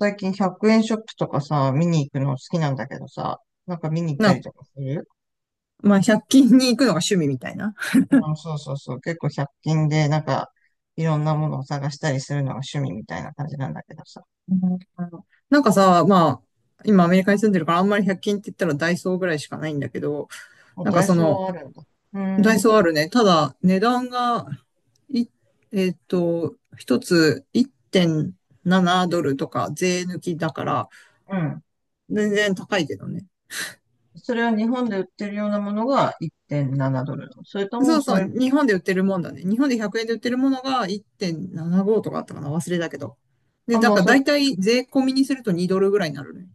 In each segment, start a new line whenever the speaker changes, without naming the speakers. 最近100円ショップとかさ、見に行くの好きなんだけどさ、なんか見に行っ
な
た
ん
り
か、
とかする？
まあ、100均に行くのが趣味みたいな。
うん、そうそうそう。結構100均でなんかいろんなものを探したりするのが趣味みたいな感じなんだけどさ。
なんかさ、まあ、今アメリカに住んでるからあんまり100均って言ったらダイソーぐらいしかないんだけど、
もう
なんか
ダイ
そ
ソー
の、
はあるんだ。うー
ダイ
ん、う
ソーあるね。ただ、値段が、い、えっと、一つ1.7ドルとか税抜きだから、
ん。
全然高いけどね。
それは日本で売ってるようなものが1.7ドルなの？それとも
そう
そ
そう、
れ、
日本で売ってるもんだね。日本で100円で売ってるものが1.75とかあったかな忘れたけど。で、
あ、
だから大体税込みにすると2ドルぐらいになるね。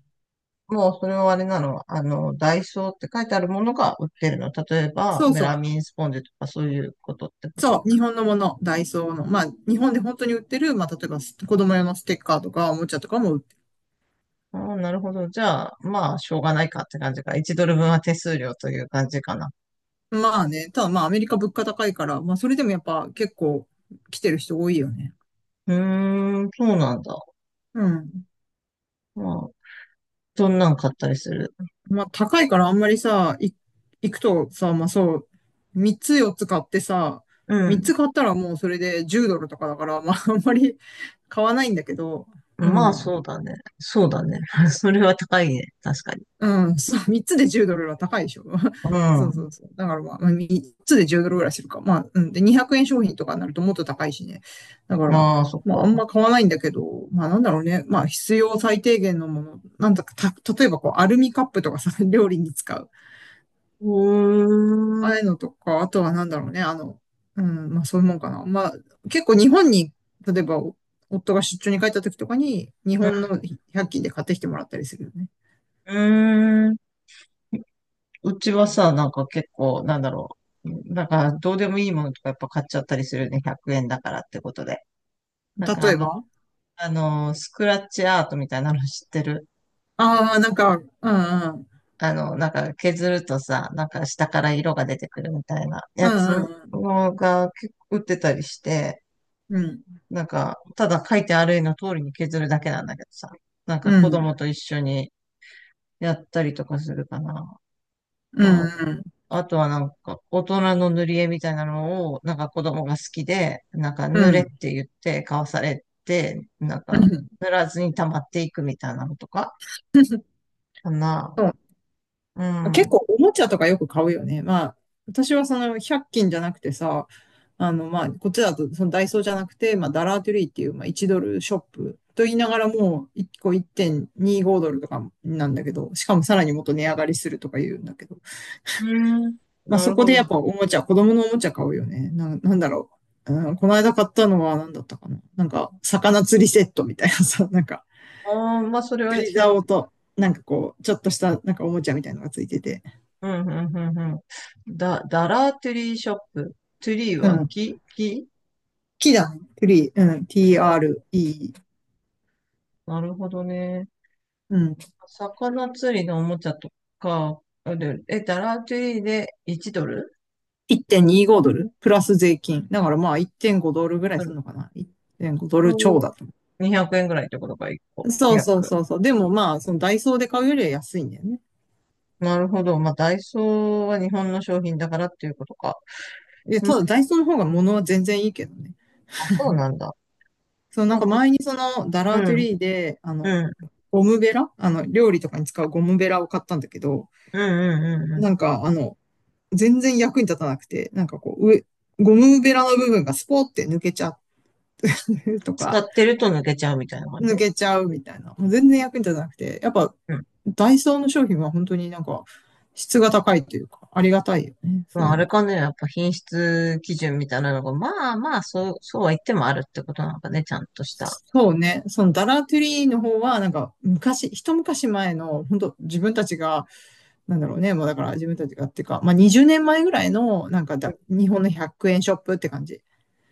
もうそれはあれなの。あの、ダイソーって書いてあるものが売ってるの？例えば、
そう
メラ
そ
ミ
う。
ンスポンジとかそういうことってこ
そ
と？
う、日本のもの、ダイソーの。まあ、日本で本当に売ってる、まあ、例えば子供用のステッカーとか、おもちゃとかも売って
ああ、なるほど。じゃあ、まあ、しょうがないかって感じか。1ドル分は手数料という感じかな。
る。まあね、ただまあ、アメリカ物価高いから、まあ、それでもやっぱ結構来てる人多いよね。
うーん、そうなんだ。
うん。
まあ、どんなん買ったりする？
まあ、高いからあんまりさ、行くとさ、まあそう、3つ4つ買ってさ、
う
3
ん。
つ買ったらもうそれで10ドルとかだから、まあ、あんまり買わないんだけど、う
まあ、
ん。
そうだね。そうだね。それは高いね。確かに。
うん、そう、3つで10ドルは高いでしょ。そう
う
そうそう。だからまあ、まあ3つで10ドルぐらいするか。まあ、うん。で、200円商品とかになるともっと高いしね。だか
ん。
ら、
ああ、そっ
まあ、あ
か。
んま買わないんだけど、まあ、なんだろうね。まあ、必要最低限のもの。なんだか、例えばこう、アルミカップとかさ、料理に使う。
うー
あ
ん。う
あいうのとか、あとはなんだろうね。あの、うん、まあ、そういうもんかな。まあ、結構日本に、例えば、夫が出張に帰った時とかに、日本の100均で買ってきてもらったりするよね。
ーん。うちはさ、なんか結構、なんだろう。なんか、どうでもいいものとかやっぱ買っちゃったりするね。100円だからってことで。なん
例
かあ
え
の、
ば、
あの、スクラッチアートみたいなの知ってる？
ああ、なんか、うんうん。
あの、なんか削るとさ、なんか下から色が出てくるみたいな
う
やつ
んうん
のが結構売ってたりして、
うん。
なんか、ただ書いてある絵の通りに削るだけなんだけどさ、なん
う
か子供
ん。
と一緒にやったりとかするかな。
うん。
ま
うん。
あ、あとはなんか、大人の塗り絵みたいなのを、なんか子供が好きで、なんか
う
塗れっ
ん
て言って買わされて、なん
う
か、
ん、
塗らずに溜まっていくみたいなのとか、かな。
そ
う
う、結構
ん。
おもちゃとかよく買うよね。まあ、私はその100均じゃなくてさ、あの、まあ、こっちだとそのダイソーじゃなくて、まあ、ダラートゥリーっていう、まあ、1ドルショップと言いながらもう1個1.25ドルとかなんだけど、しかもさらにもっと値上がりするとか言うんだけど、
うん。
まあ、
な
そ
る
こ
ほ
でや
ど。
っぱおもちゃ、子供のおもちゃ買うよね。なんだろう。うん、この間買ったのは何だったかな。なんか、魚釣りセットみたいなさ、なんか、
ああ、まあ、それは
釣り
ひゃく、
竿
へ
と、なんかこう、ちょっとした、なんかおもちゃみたいなのがついてて。
うん、うん、うん、うん。ダラートゥリーショップ。トゥリー
う
は
ん。
木、木、
木だね。トリー。うん。
うん、
TRE。
なるほどね。
うん。
魚釣りのおもちゃとか、あれえ、ダラートゥリーで1ドル
1.25ドルプラス税金。だからまあ1.5ドルぐらい
ド
す
ル
るのかな。1.5ドル超
と
だと。
200円ぐらいってことか、1個。
そうそう
約。
そうそう。でもまあ、そのダイソーで買うよりは安いんだよね。
なるほど。まあ、ダイソーは日本の商品だからっていうことか。
いや、
う
た
ん、
だダイソーの方が物は全然いいけどね。
あ、そうなんだ。
そのな
ま
ん
あ、
か
こ、
前にそのダ
う
ラートゥ
ん、
リーで、あ
う
の、
ん、うん、
ゴムベラあの、料理とかに使うゴムベラを買ったんだけど、
うん、うん。うん
なんかあの、全然役に立たなくて、なんかこう、ゴムベラの部分がスポーって抜けちゃう と
使
か、
ってると抜けちゃうみたいな感じ？
抜けちゃうみたいな。もう全然役に立たなくて、やっぱ、
うん。
ダイソーの商品は本当になんか、質が高いというか、ありがたいよね。そ
ま
う
あ、
いう
あ
意味
れ
で。
かね、やっぱ品質基準みたいなのが、まあまあ、そう、そうは言ってもあるってことなんかね、ちゃんとした。
そうね。そのダラトゥリーの方は、なんか、昔、一昔前の、本当自分たちが、なんだろうね。もうだから自分たちがっていうか、まあ20年前ぐらいの、なんかだ、日本の100円ショップって感じ。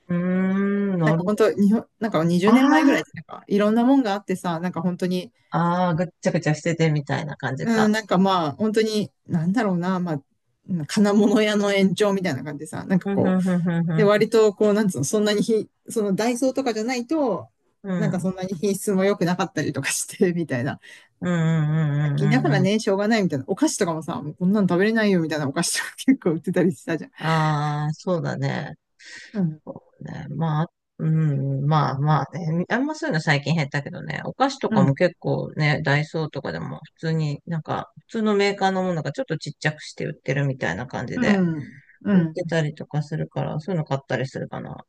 うーん、
な
な
ん
る
か
ほ
本
ど。
当、日本、なんか20
あ
年前ぐらいってなんかいろんなもんがあってさ、なんか本当に、
あ、ああ、ぐっちゃぐちゃしててみたいな感じ
うん、
か。
なんかまあ、本当に、なんだろうな、まあ、金物屋の延長みたいな感じでさ、なんか
うん、
こ
う
う、
ん、うん、
で、
う
割とこう、なんつうの、そんなにひ、そのダイソーとかじゃないと、
ん、う
な
ん。
ん
う
か
ん、
そんなに品質も良くなかったりとかして、みたいな。
うん、うん、う
だ
ん、
か
う
ら
ん。うん
ね、しょうがないみたいな。お菓子とかもさ、もうこんなの食べれないよみたいなお菓子とか結構売ってたりしたじゃん。
ああ、そうだね。
うん、
そうね。まあ、うん、まあまあね。あんまそういうの最近減ったけどね。お菓子と
う
かも
ん、
結構ね、ダイソーとかでも普通になんか、普通のメーカーのものがちょっとちっちゃくして売ってるみたいな感じ
う
で。
ん、う
売って
ん、
たりとかするから、そういうの買ったりするかな。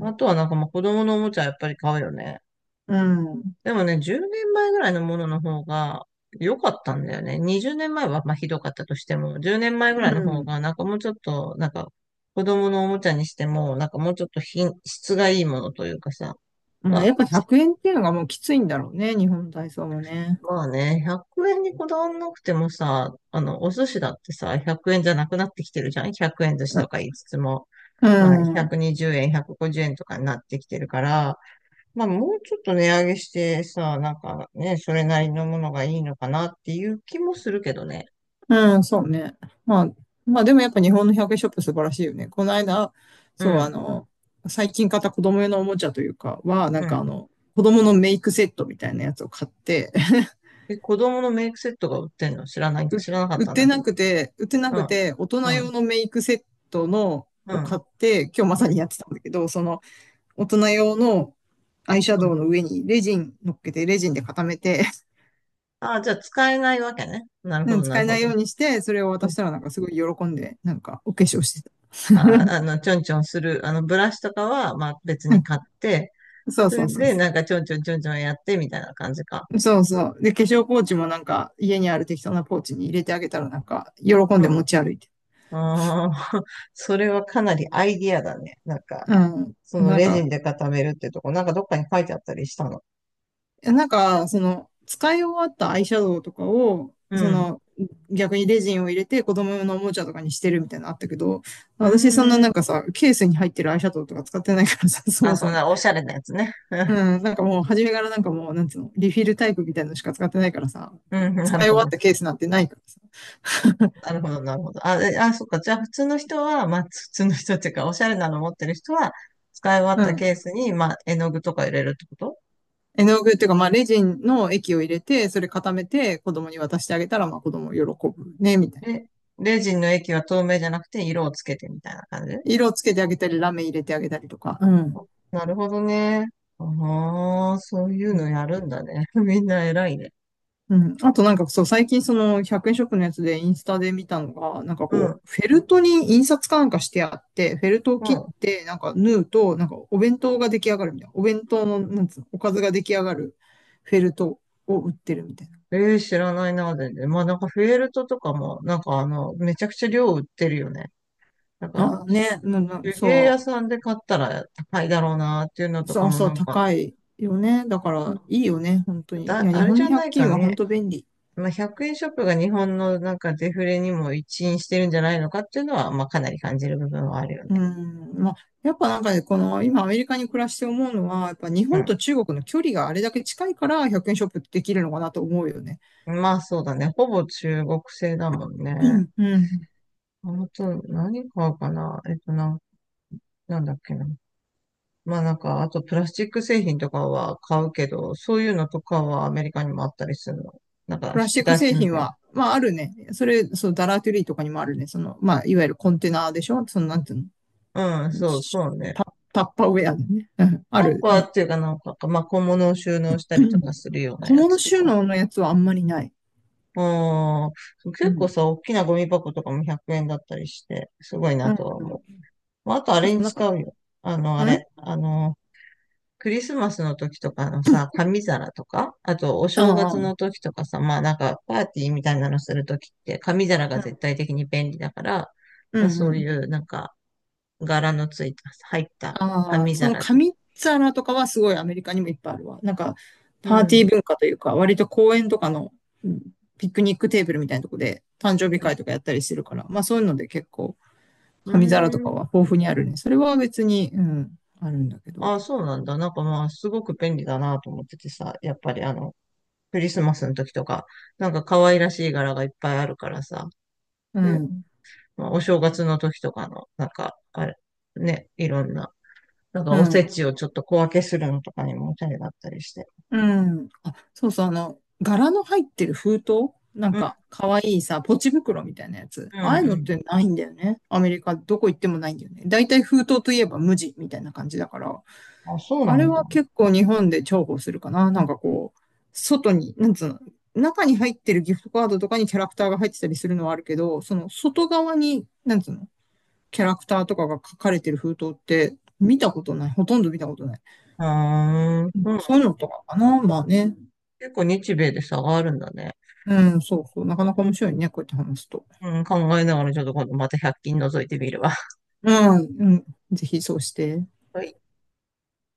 あとはなんかまあ子供のおもちゃやっぱり買うよね。
うん、
でもね、10年前ぐらいのものの方が良かったんだよね。20年前はまあひどかったとしても、10年前ぐ
う
らいの方
ん、
がなんかもうちょっと、なんか子供のおもちゃにしても、なんかもうちょっと品質がいいものというかさ、
ま
ま
あ、や
あ
っぱ100円っていうのがもうきついんだろうね、日本体操もね。
まあね、100円にこだわんなくてもさ、あの、お寿司だってさ、100円じゃなくなってきてるじゃん？ 100 円寿司
う
と
ん、
か言いつつも、
う
まあ、
ん、
120円、150円とかになってきてるから、まあ、もうちょっと値上げしてさ、なんかね、それなりのものがいいのかなっていう気もするけどね。
うん、そうね。まあ、まあでもやっぱ日本の100円ショップ素晴らしいよね。この間、
う
そう、あ
ん、
の、最近買った子供用のおもちゃというかは、な
う
ん
ん。
かあの、子供のメイクセットみたいなやつを買って、
え、子供のメイクセットが売ってんの知らない、
う
知らなかっ
売っ
たん
て
だけ
な
ど。
くて、売ってな
う
く
ん、
て、大人
う
用
ん、
のメイクセット
う
を買っ
ん、
て、今日まさ
う
に
ん、
やってたんだけど、その、大人用のアイシャ
う
ドウ
ん。
の上にレジン乗っけて、レジンで固めて、
ああ、じゃあ使えないわけね。なるほ
う
ど、
ん、
な
使
る
え
ほ
ないよ
ど。
うにして、それを渡したらなんかすごい喜んで、なんかお化粧してた。
まあ、あの、ちょんちょんする、あの、ブラシとかは、まあ、別
う
に
ん、
買って、
そう
そ
そ
れ
うそう
で、な
そ
んか、ちょんちょんちょんちょんやって、みたいな感じか。
う。そうそう。で、化粧ポーチもなんか家にある適当なポーチに入れてあげたらなんか喜ん
う
で
ん。
持ち歩いて。
ああ、それはかなりアイディアだね。なんか、
うん。
その
なん
レジン
か、
で固めるってとこ、なんかどっかに書いてあったりしたの？
なんか、その、使い終わったアイシャドウとかを、
う
そ
ん。
の、逆にレジンを入れて子供用のおもちゃとかにしてるみたいなのあったけど、
うー
私そんな
ん。
なんかさ、ケースに入ってるアイシャドウとか使ってないからさ、そ
あ、
も
そ
そ
ん
も。
なおしゃれなやつね。
うん、なんかもう初めからなんかもう、なんつうの、リフィルタイプみたいなのしか使ってないからさ、
うん、な
使
る
い終
ほ
わっ
ど。
たケースなんてないか
なるほど、なるほど。あ、えあ、そっか。じゃあ、普通の人は、まあ、普通の人っていうか、おしゃれなの持ってる人は、使い終わっ
らさ。
た
うん。
ケースに、まあ、絵の具とか入れるってこと？
絵の具っていうか、まあ、レジンの液を入れて、それ固めて子供に渡してあげたら、まあ、子供喜ぶね、みたいな。
レ、レジンの液は透明じゃなくて色をつけてみたいな感じ？
色をつけてあげたり、ラメ入れてあげたりとか。うん。
なるほどね。ああ、そういうのやるんだね。みんな偉いね。
うん。あとなんかそう、最近その100円ショップのやつでインスタで見たのが、なんか
う
こ
ん、
う、フェルトに印刷かなんかしてあって、フェルトを
う
切
ん。
って、なんか縫うと、なんかお弁当が出来上がるみたいな。お弁当の、なんつうの、おかずが出来上がるフェルトを売ってるみたい
ええ知らないな、全然。まあなんかフェルトとかも、なんかあの、めちゃくちゃ量売ってるよね。なんか、
な。あ、ね、うんうん、
手芸屋
そ
さんで買ったら高いだろうなっていうの
う、
と
そ
か
う
も
そ
な
う、
んか、
高いよね。だからいいよね、本当に。いや、
あ
日
れ
本
じ
の
ゃな
100
いか
均は本
ね。
当便利。
まあ100円ショップが日本のなんかデフレにも一因してるんじゃないのかっていうのは、まあかなり感じる部分はあるよね。
うん、まあ、やっぱなんかね、この今アメリカに暮らして思うのは、やっぱ日
う
本
ん
と中国の距離があれだけ近いから100円ショップってできるのかなと思うよね。
まあそうだね。ほぼ中国製だもん
う
ね。
ん、うん。
あと、何買うかななんだっけな。まあなんか、あとプラスチック製品とかは買うけど、そういうのとかはアメリカにもあったりするの？なんか、
プ
引
ラスチ
き
ック
出
製
しみ
品
たい
は、まああるね。それ、そう、ダラートゥリーとかにもあるね。その、まあ、いわゆるコンテナでしょその、なんていう
な。うん、
の
そう
。
そうね。
タ、タッパーウェアでね。うん、あ
タッ
る
パー
ね。
っていうかなんか、まあ小物を収納した
う
りとか
ん、
するような
小
や
物
つと
収
か。
納のやつはあんまりない。
うん、
う
結構
ん。
さ、大きなゴミ箱とかも100円だったりして、すごい
う
な
ん、
とは
う
思
ん。
う。
そ
まあ、あとあ
う
れ
そう、
に
なんか、
使うよ。あの、あ
うん、
れ。あの、クリスマスの時とかのさ、紙皿とか、あとお正
ああ、
月
うん、
の時とかさ、まあなんかパーティーみたいなのする時って紙皿が絶対的に便利だから、ま
う
あそ
ん、う
う
ん。
いうなんか柄のついた、入った
ああ、
紙
その
皿とか。
紙皿とかはすごいアメリカにもいっぱいあるわ。なんか、
う
パーティ
ん。
ー文化というか、割と公園とかの、うん、ピクニックテーブルみたいなとこで誕生日会とかやったりしてるから、まあそういうので結構
う
紙皿と
ー
か
ん。
は豊富にあるね。それは別に、うん、あるんだけど。
ああ、そうなんだ。なんかまあすごく便利だなと思っててさ、やっぱりあの、クリスマスの時とか、なんか可愛らしい柄がいっぱいあるからさ、
う
ね、
ん、
まあ、お正月の時とかの、なんか、あれ、ね、いろんななんか
う
おせ
ん、
ちをちょっと小分けするのとかにもおしゃれだったりして。
うん。あ、そうそう、あの、柄の入ってる封筒なん
うん
か、かわいいさ、ポチ袋みたいなやつ。
うん
ああいう
う
のって
ん。
ないんだよね。アメリカ、どこ行ってもないんだよね。だいたい封筒といえば無地みたいな感じだから。
あ、そう
あ
な
れ
んだ。
は結構日本で重宝するかな。なんかこう、外に、なんつうの、中に入ってるギフトカードとかにキャラクターが入ってたりするのはあるけど、その外側に、なんつうの、キャラクターとかが書かれてる封筒って見たことない。ほとんど見たことない。
あー
ま
う
あ
ん。
そういうのとかかな。まあね。
結構日米で差があるんだね。
うん、そうそう。なかなか面白いね。こうやって話すと。
うん、うん考えながらちょっと今度また百均覗いてみるわ。
うん、うん。ぜひそうして。
はい